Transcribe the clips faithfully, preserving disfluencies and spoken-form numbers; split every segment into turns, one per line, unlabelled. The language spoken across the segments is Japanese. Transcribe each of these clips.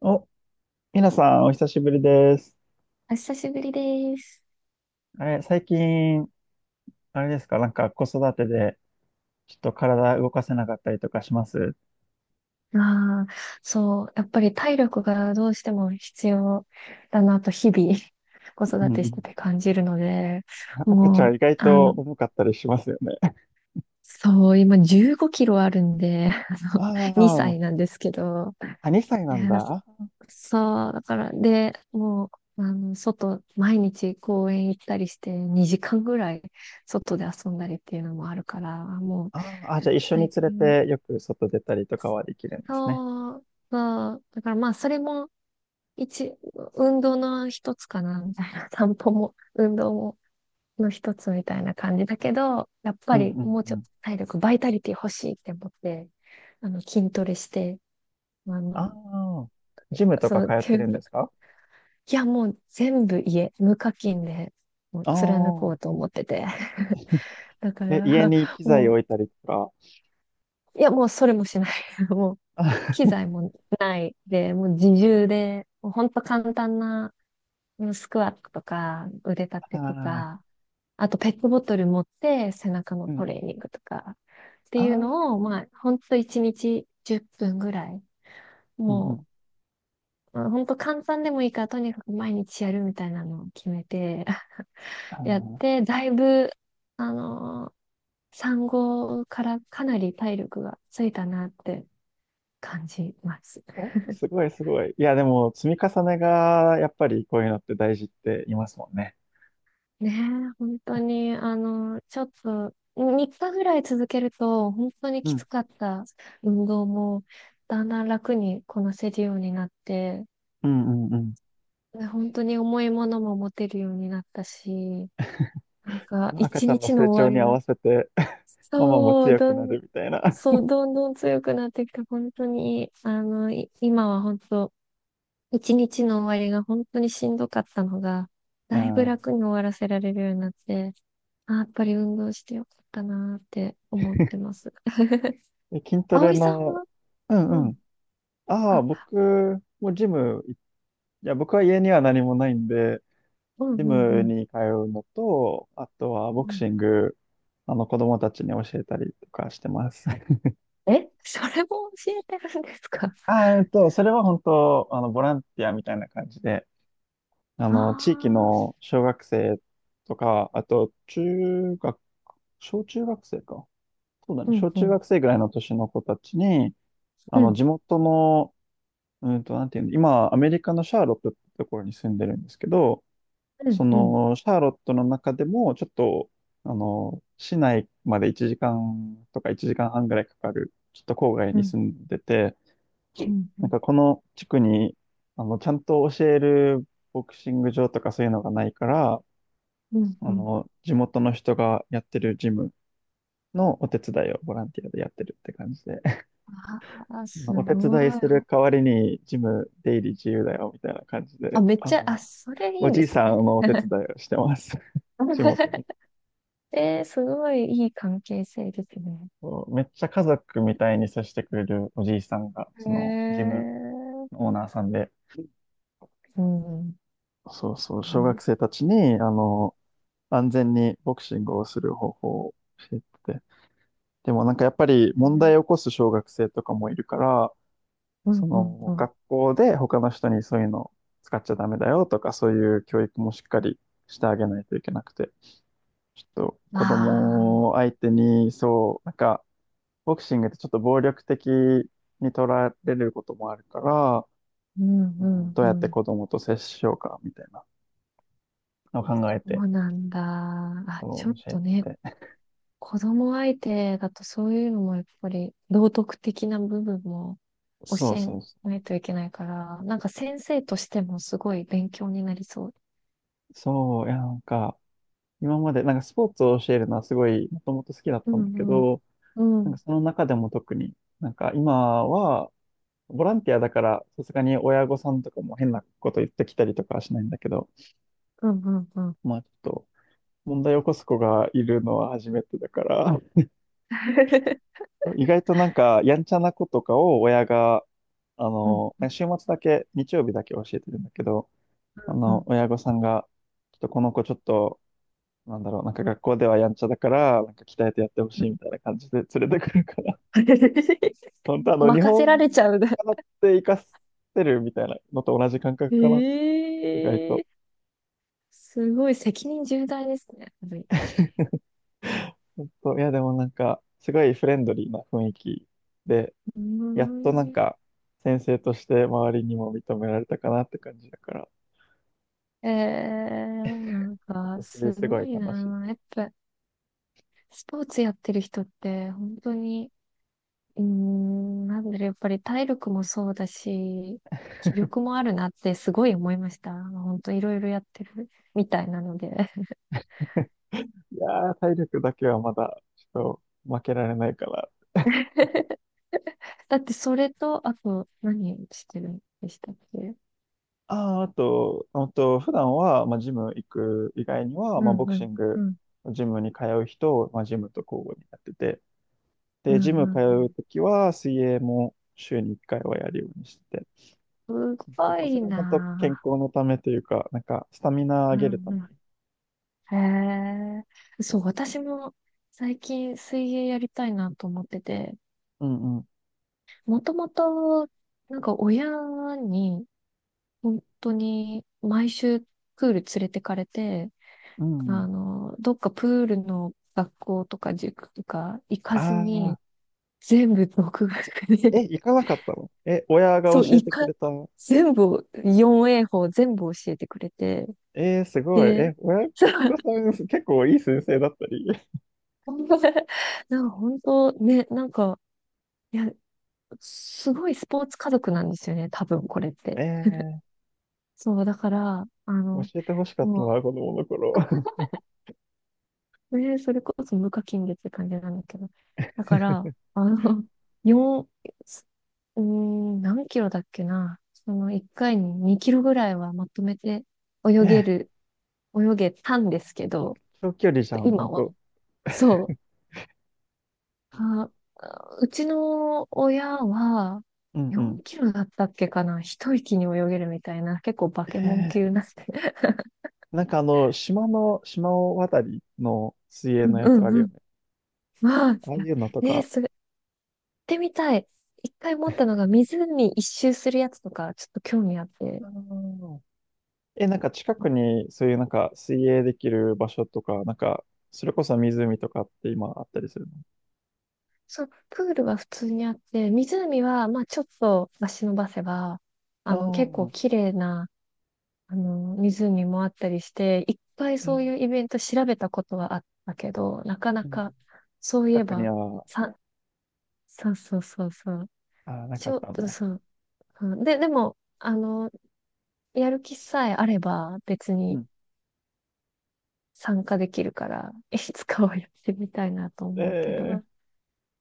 お、みなさん、お久しぶりです。
お久しぶりです。
あれ、最近、あれですか、なんか子育てで、ちょっと体動かせなかったりとかします？
ああ、そう、やっぱり体力がどうしても必要だなと日々 子
うん
育
う
てし
ん。
てて感じるので、
赤ち
も
ゃん
う、
意外
あ
と
の、
重かったりしますよね。
そう、今じゅうごキロあるんで、あ
あ
の、2
あ、
歳なんですけど、
あ、にさい
い
な
や
んだ。
そう、だから、で、もう、あの、外、毎日公園行ったりしてにじかんぐらい外で遊んだりっていうのもあるから、もう、
ああ、あじゃあ一緒に
最
連れ
近は
てよく外出たりとかはできるんですね。
そうそう。だからまあ、それも一、運動の一つかな、みたいな。散歩も、運動も、の一つみたいな感じだけど、やっ
う
ぱ
ん
り
うん
もうち
う
ょっ
ん。
と体力、バイタリティ欲しいって思って、あの、筋トレして、あ
あ
の、
あ、ジムと
そ
か通
う、
って
け
るんで
ど
すか？
いや、もう全部家、無課金で、もう
あ
貫こ
あ、
うと思ってて。だか
え、家
ら、
に機材
も
置いたりとか？
う、いや、もうそれもしない。もう、機 材もないで、もう自重で、もうほんと簡単なスクワットとか、腕立
あ
てと
あ、
か、あとペットボトル持って背中の
う
ト
ん。
レーニングとかって
あ
いう
あ、
のを、まあ、ほんといちにちじゅっぷんぐらい、
うんう
も
ん。
う、ほんと簡単でもいいから、とにかく毎日やるみたいなのを決めて
あ
やっ
ー
て、だいぶ、あのー産後からかなり体力がついたなって感じます。
お、すごいすごい。いや、でも、積み重ねが、やっぱりこういうのって大事って言いますもんね。
ねえ、本当に、あの、ちょっと、みっかぐらい続けると、本当に
う
き
ん。
つかった運動も、だんだん楽にこなせるようになって、
うんうんう
で本当に重いものも持てるようになったし、なんか、
ん。赤
一
ちゃんの
日の
成長
終わ
に
り
合
の、
わせて ママも
そう、
強く
ど
な
ん、
るみたいな。
そう、どんどん強くなってきて、本当に、あの、い今は本当、一日の終わりが本当にしんどかったのが、
う
だいぶ
ん。
楽に終わらせられるようになって、あ、やっぱり運動してよかったなーって思ってます。
で筋トレ
葵さん
の、
は。
う
う
んうん。
ん。
ああ、
あ、
僕もジム、いや、僕は家には何もないんで、
うん
ジ
うんう
ム
ん。
に通うのと、あとはボ
う
ク
ん。
シング、あの子供たちに教えたりとかしてます。
え、それも教えてるんですかあ
ああ、えっと、それは本当、あの、ボランティアみたいな感じで、あ
あ
の、地域
ー、
の小学生とか、あと、中学、小中学生か。そうだ
う
ね。
ん
小
う
中
ん。
学生ぐらいの年の子たちに、あ
う
の、
ん。
地元の、うんと、なんていうの、今、アメリカのシャーロットってところに住んでるんですけど、
う
そ
んうん。
の、シャーロットの中でも、ちょっと、あの、市内までいちじかんとかいちじかんはんぐらいかかる、ちょっと郊外
う
に
ん
住んでて、
うんう
なんか
ん。
この地区に、あの、ちゃんと教えるボクシング場とかそういうのがないから、
うん
あ
うん。
の、地元の人がやってるジムのお手伝いをボランティアでやってるって感じで、
あー
まあ
す
お手
ご
伝い
い。
する代わりにジム出入り自由だよみたいな感じ
あ、
で、
めっ
あ
ちゃ、あ、
の、
それい
お
い
じ
で
い
す
さん
ね。
のお手伝いをしてます。地元で。
えー、すごいいい関係性ですね。
そうめっちゃ家族みたいに接してくれるおじいさんが、
へ
そのジム
え。
のオーナーさんで、
うん。うん
そうそう、小学
う
生たちに、あの、安全にボクシングをする方法を教えてて、でもなんかやっぱり問題を起こす小学生とかもいるから、
ん
そ
う
の
ん。
学校で他の人にそういうの使っちゃダメだよとかそういう教育もしっかりしてあげないといけなくて、ちょっと
う
子供
あ
を
あ。
相手にそう、なんかボクシングってちょっと暴力的に取られることもあるから、
うん
う
う
ん、
ん
どう
う
やって
ん。
子供と接しようかみたいなのを考え
そ
て、
うなんだ。あ、ちょ
そう
っ
教え
とね、
てて。
子供相手だとそういうのもやっぱり道徳的な部分も
そう
教え
そうそう。
ないといけないから、なんか先生としてもすごい勉強になりそう。
そう、いやなんか今までなんかスポーツを教えるのはすごいもともと好きだっ
う
たんだけ
んうん
ど、
う
なんか
ん
その中でも特になんか今はボランティアだから、さすがに親御さんとかも変なこと言ってきたりとかはしないんだけど、
うんうんうん
まあちょっと、問題を起こす子がいるのは初めてだから、意外となんか、やんちゃな子とかを親が、あ
うん
の、
うん
週末だけ、日曜日だけ教えてるんだけど、あ
うんう
の、
ん
親御さんが、ちょっとこの子ちょっと、なんだろう、なんか学校ではやんちゃだから、なんか鍛えてやってほ
う
しい
ん。
みたいな感じで連れてくるから、本当あ の、日
任せられ
本
ちゃう
で
ね。
習って生かせるみたいなのと同じ感覚かな、意外と。
ええ、すごい責任重大ですね。やっぱり
そう、いや、でもなんか、すごいフレンドリーな雰囲気で、
うー
やっとなん
ん
か、先生として周りにも認められたかなって感じだから、
えー、なんか、
私で
す
すご
ご
い
い
楽しい。
な。やっぱ、スポーツやってる人って、本当に、うーん、なんだろう、やっぱり体力もそうだし、気力もあるなってすごい思いました。本当いろいろやってるみたいなので。
いやー、体力だけはまだ、ちょっと負けられないから。
だって、それと、あと、何してるんでしたっけ？
ああ、あと、あと、普段は、まあ、ジム行く以外には、
う
まあ、
ん
ボ
う
クシ
ん、
ン
う
グ、
ん、
ジムに通う人を、まあ、ジムと交互にやってて、
うん、
で、
うん。
ジム
う
通
ん、
うときは、水泳も週にいっかいはやるようにしてて、
す
ま
ご
あそ
い
れは本当健
な。
康のためというか、なんか、スタミナ
う
上げるた
ん
め
うん。
に。
へえ。そう、
そ
私も最近水泳やりたいなと思ってて、
う。うんうん。
もともと、なんか親に、本当に毎週プール連れてかれて、
うんうん。
あの、どっかプールの学校とか塾とか行か
あ
ず
あ、
に、全部独学
え、
で、
行 かなかったの？え、親が
そう、
教え
い
てく
か、
れた？
全部を、よんえい 法全部教えてくれて、
えー、すごい。
で、
え、親
そ
御さん、結構いい先生だったり。
う、なんか本当ね、なんか、いや、すごいスポーツ家族なんですよね、多分これっ て。
え
そう、だから、あ
ー、
の、
教えてほしかったな、
も
子供の頃。
う、ねそれこそ無課金でって感じなんだけど。だから、あの、よん、うーん、何キロだっけな。そのいっかいににキロぐらいはまとめて
え
泳げ
ー、
る、泳げたんですけど、
長距離
ち
じゃ
ょっと
ん、本
今は、
当。
そう、あ、あうちの親は
うんうん。
よんキロだったっけかな。一息に泳げるみたいな、結構バケモン
え
級なんで。
ー、なんかあの、島の、島を渡りの水泳
うん
のや
う
つあるよ
ん
ね。
うん。わあ、
ああいうのと
ね
か。
それ、やってみたい。一回持ったのが湖一周するやつとか、ちょっと興味あって。
あーえ、なんか近くにそういうなんか水泳できる場所とか、なんか、それこそ湖とかって今あったりするの？
そう、プールは普通にあって、湖は、まあちょっと足伸ばせば、
あ
あの、結構綺
あ
麗な、あの、湖もあったりして、一回
ー、
そ
え
ういうイベント調べたことはあったけど、なかな
うん
か、そうい
近
え
くに
ば、
は、
さ、そうそうそうそう。
あー、なか
ち
っ
ょっ
たん
と
だ。
そう。うんで、でも、あの、やる気さえあれば、別
う
に、
ん。
参加できるから、いつかはやってみたいなと思うけど。
え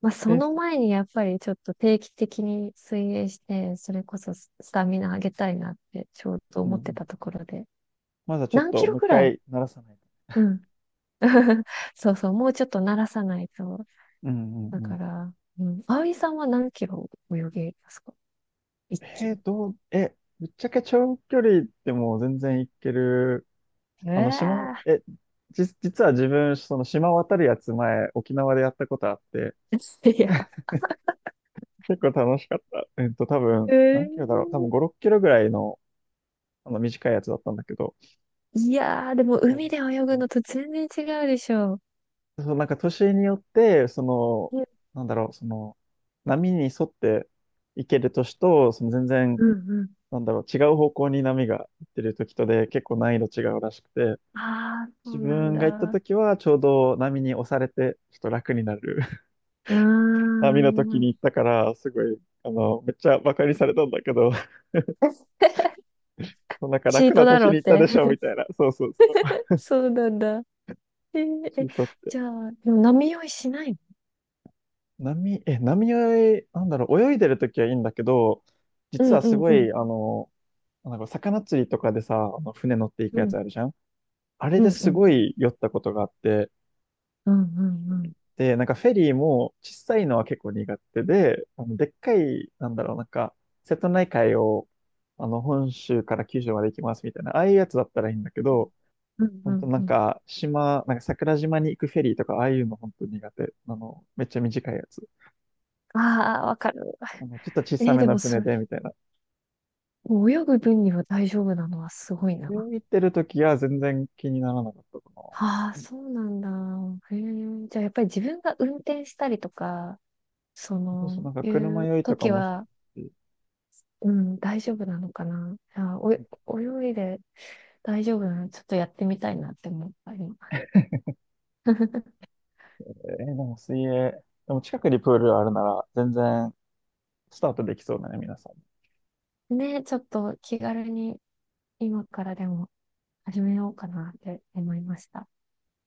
まあ、
ー、
そ
え
の前にやっぱりちょっと定期的に水泳して、それこそススタミナ上げたいなってちょうど
う
思って
ん。
たところで。
まだちょっ
何
と
キロ
もう一
くらい？
回鳴らさないと。
うん。そうそう、もうちょっと慣らさないと。
うんう
だ
んう
か
ん。
ら、うん。葵さんは何キロ泳げますか？一気
えー、
に。
どう、え、ぶっちゃけ長距離でも全然行ける。あの、島、
ええ
え、じ、実は自分、その島渡るやつ前、沖縄でやったことあって、
ー いや、
結構楽しかった。えっと、多分、
え
何キロだろう。多分
ー
ご、ろっキロぐらいの、あの短いやつだったんだけど、
いやー、でも海
そ
で泳ぐ
う。
のと全然違うでしょ
そう、なんか年によって、その、
う。
なんだろう、その、波に沿っていける年と、その全然、
うんうん。
なんだろう、違う方向に波が行ってる時とで結構難易度違うらしくて、
ああ、そ
自
うなん
分が行った
だ。
時はちょうど波に押されて、ちょっと楽になる
うー
波の時
ん。
に行ったから、すごい、あの、めっちゃバカにされたんだけど、なんか
シ
楽
ート
な
だ
年
ろう
に
っ
行った
て。
でしょ、み たいな。そうそうそう。
そうなんだ。えー、
チ
え、
ートって。
じゃあ、でも波酔いしないの？
波、え、波泳い、なんだろう、泳いでるときはいいんだけど、
う
実
ん
は
う
す
ん
ご
うん。
い、あの、なんか魚釣りとかでさ、あの船乗ってい
う
くやつ
ん。
あるじゃん？あれ
う
で
んう
す
ん
ご
うん。
い酔ったことがあって、
うんうんうん。
で、なんかフェリーも小さいのは結構苦手で、あのでっかい、なんだろう、なんか、瀬戸内海を、あの、本州から九州まで行きますみたいな、ああいうやつだったらいいんだけど、
うんう
本当
ん
な
う
ん
ん。
か、島、なんか桜島に行くフェリーとか、ああいうの本当苦手。あの、めっちゃ短いやつ。
ああ、わかる。
あの、ちょっと小
え
さ
ー
め
で
の
もそ
船
れ、
で、みたいな。
もう泳ぐ分には大丈夫なのはすごい
泳
な。
行ってる時は全然気にならなかったかな。
ああ、そうなんだ。へえ。じゃあ、やっぱり自分が運転したりとか、そ
そうそう、
の、
なんか
い
車
う
酔いとか
時
もし
は、
ないし、
うん、大丈夫なのかな。いや、お、泳いで大丈夫なの、ちょっとやってみたいなって思った今。
えーでも水泳、でも近くにプールあるなら、全然スタートできそうだね、皆さん。
ね、ちょっと気軽に今からでも始めようかなって思いました。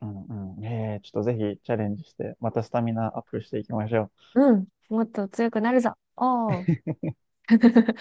うんうん。えー、ちょっとぜひチャレンジして、またスタミナアップしていきましょう。
うん、もっと強くなるぞ。おー。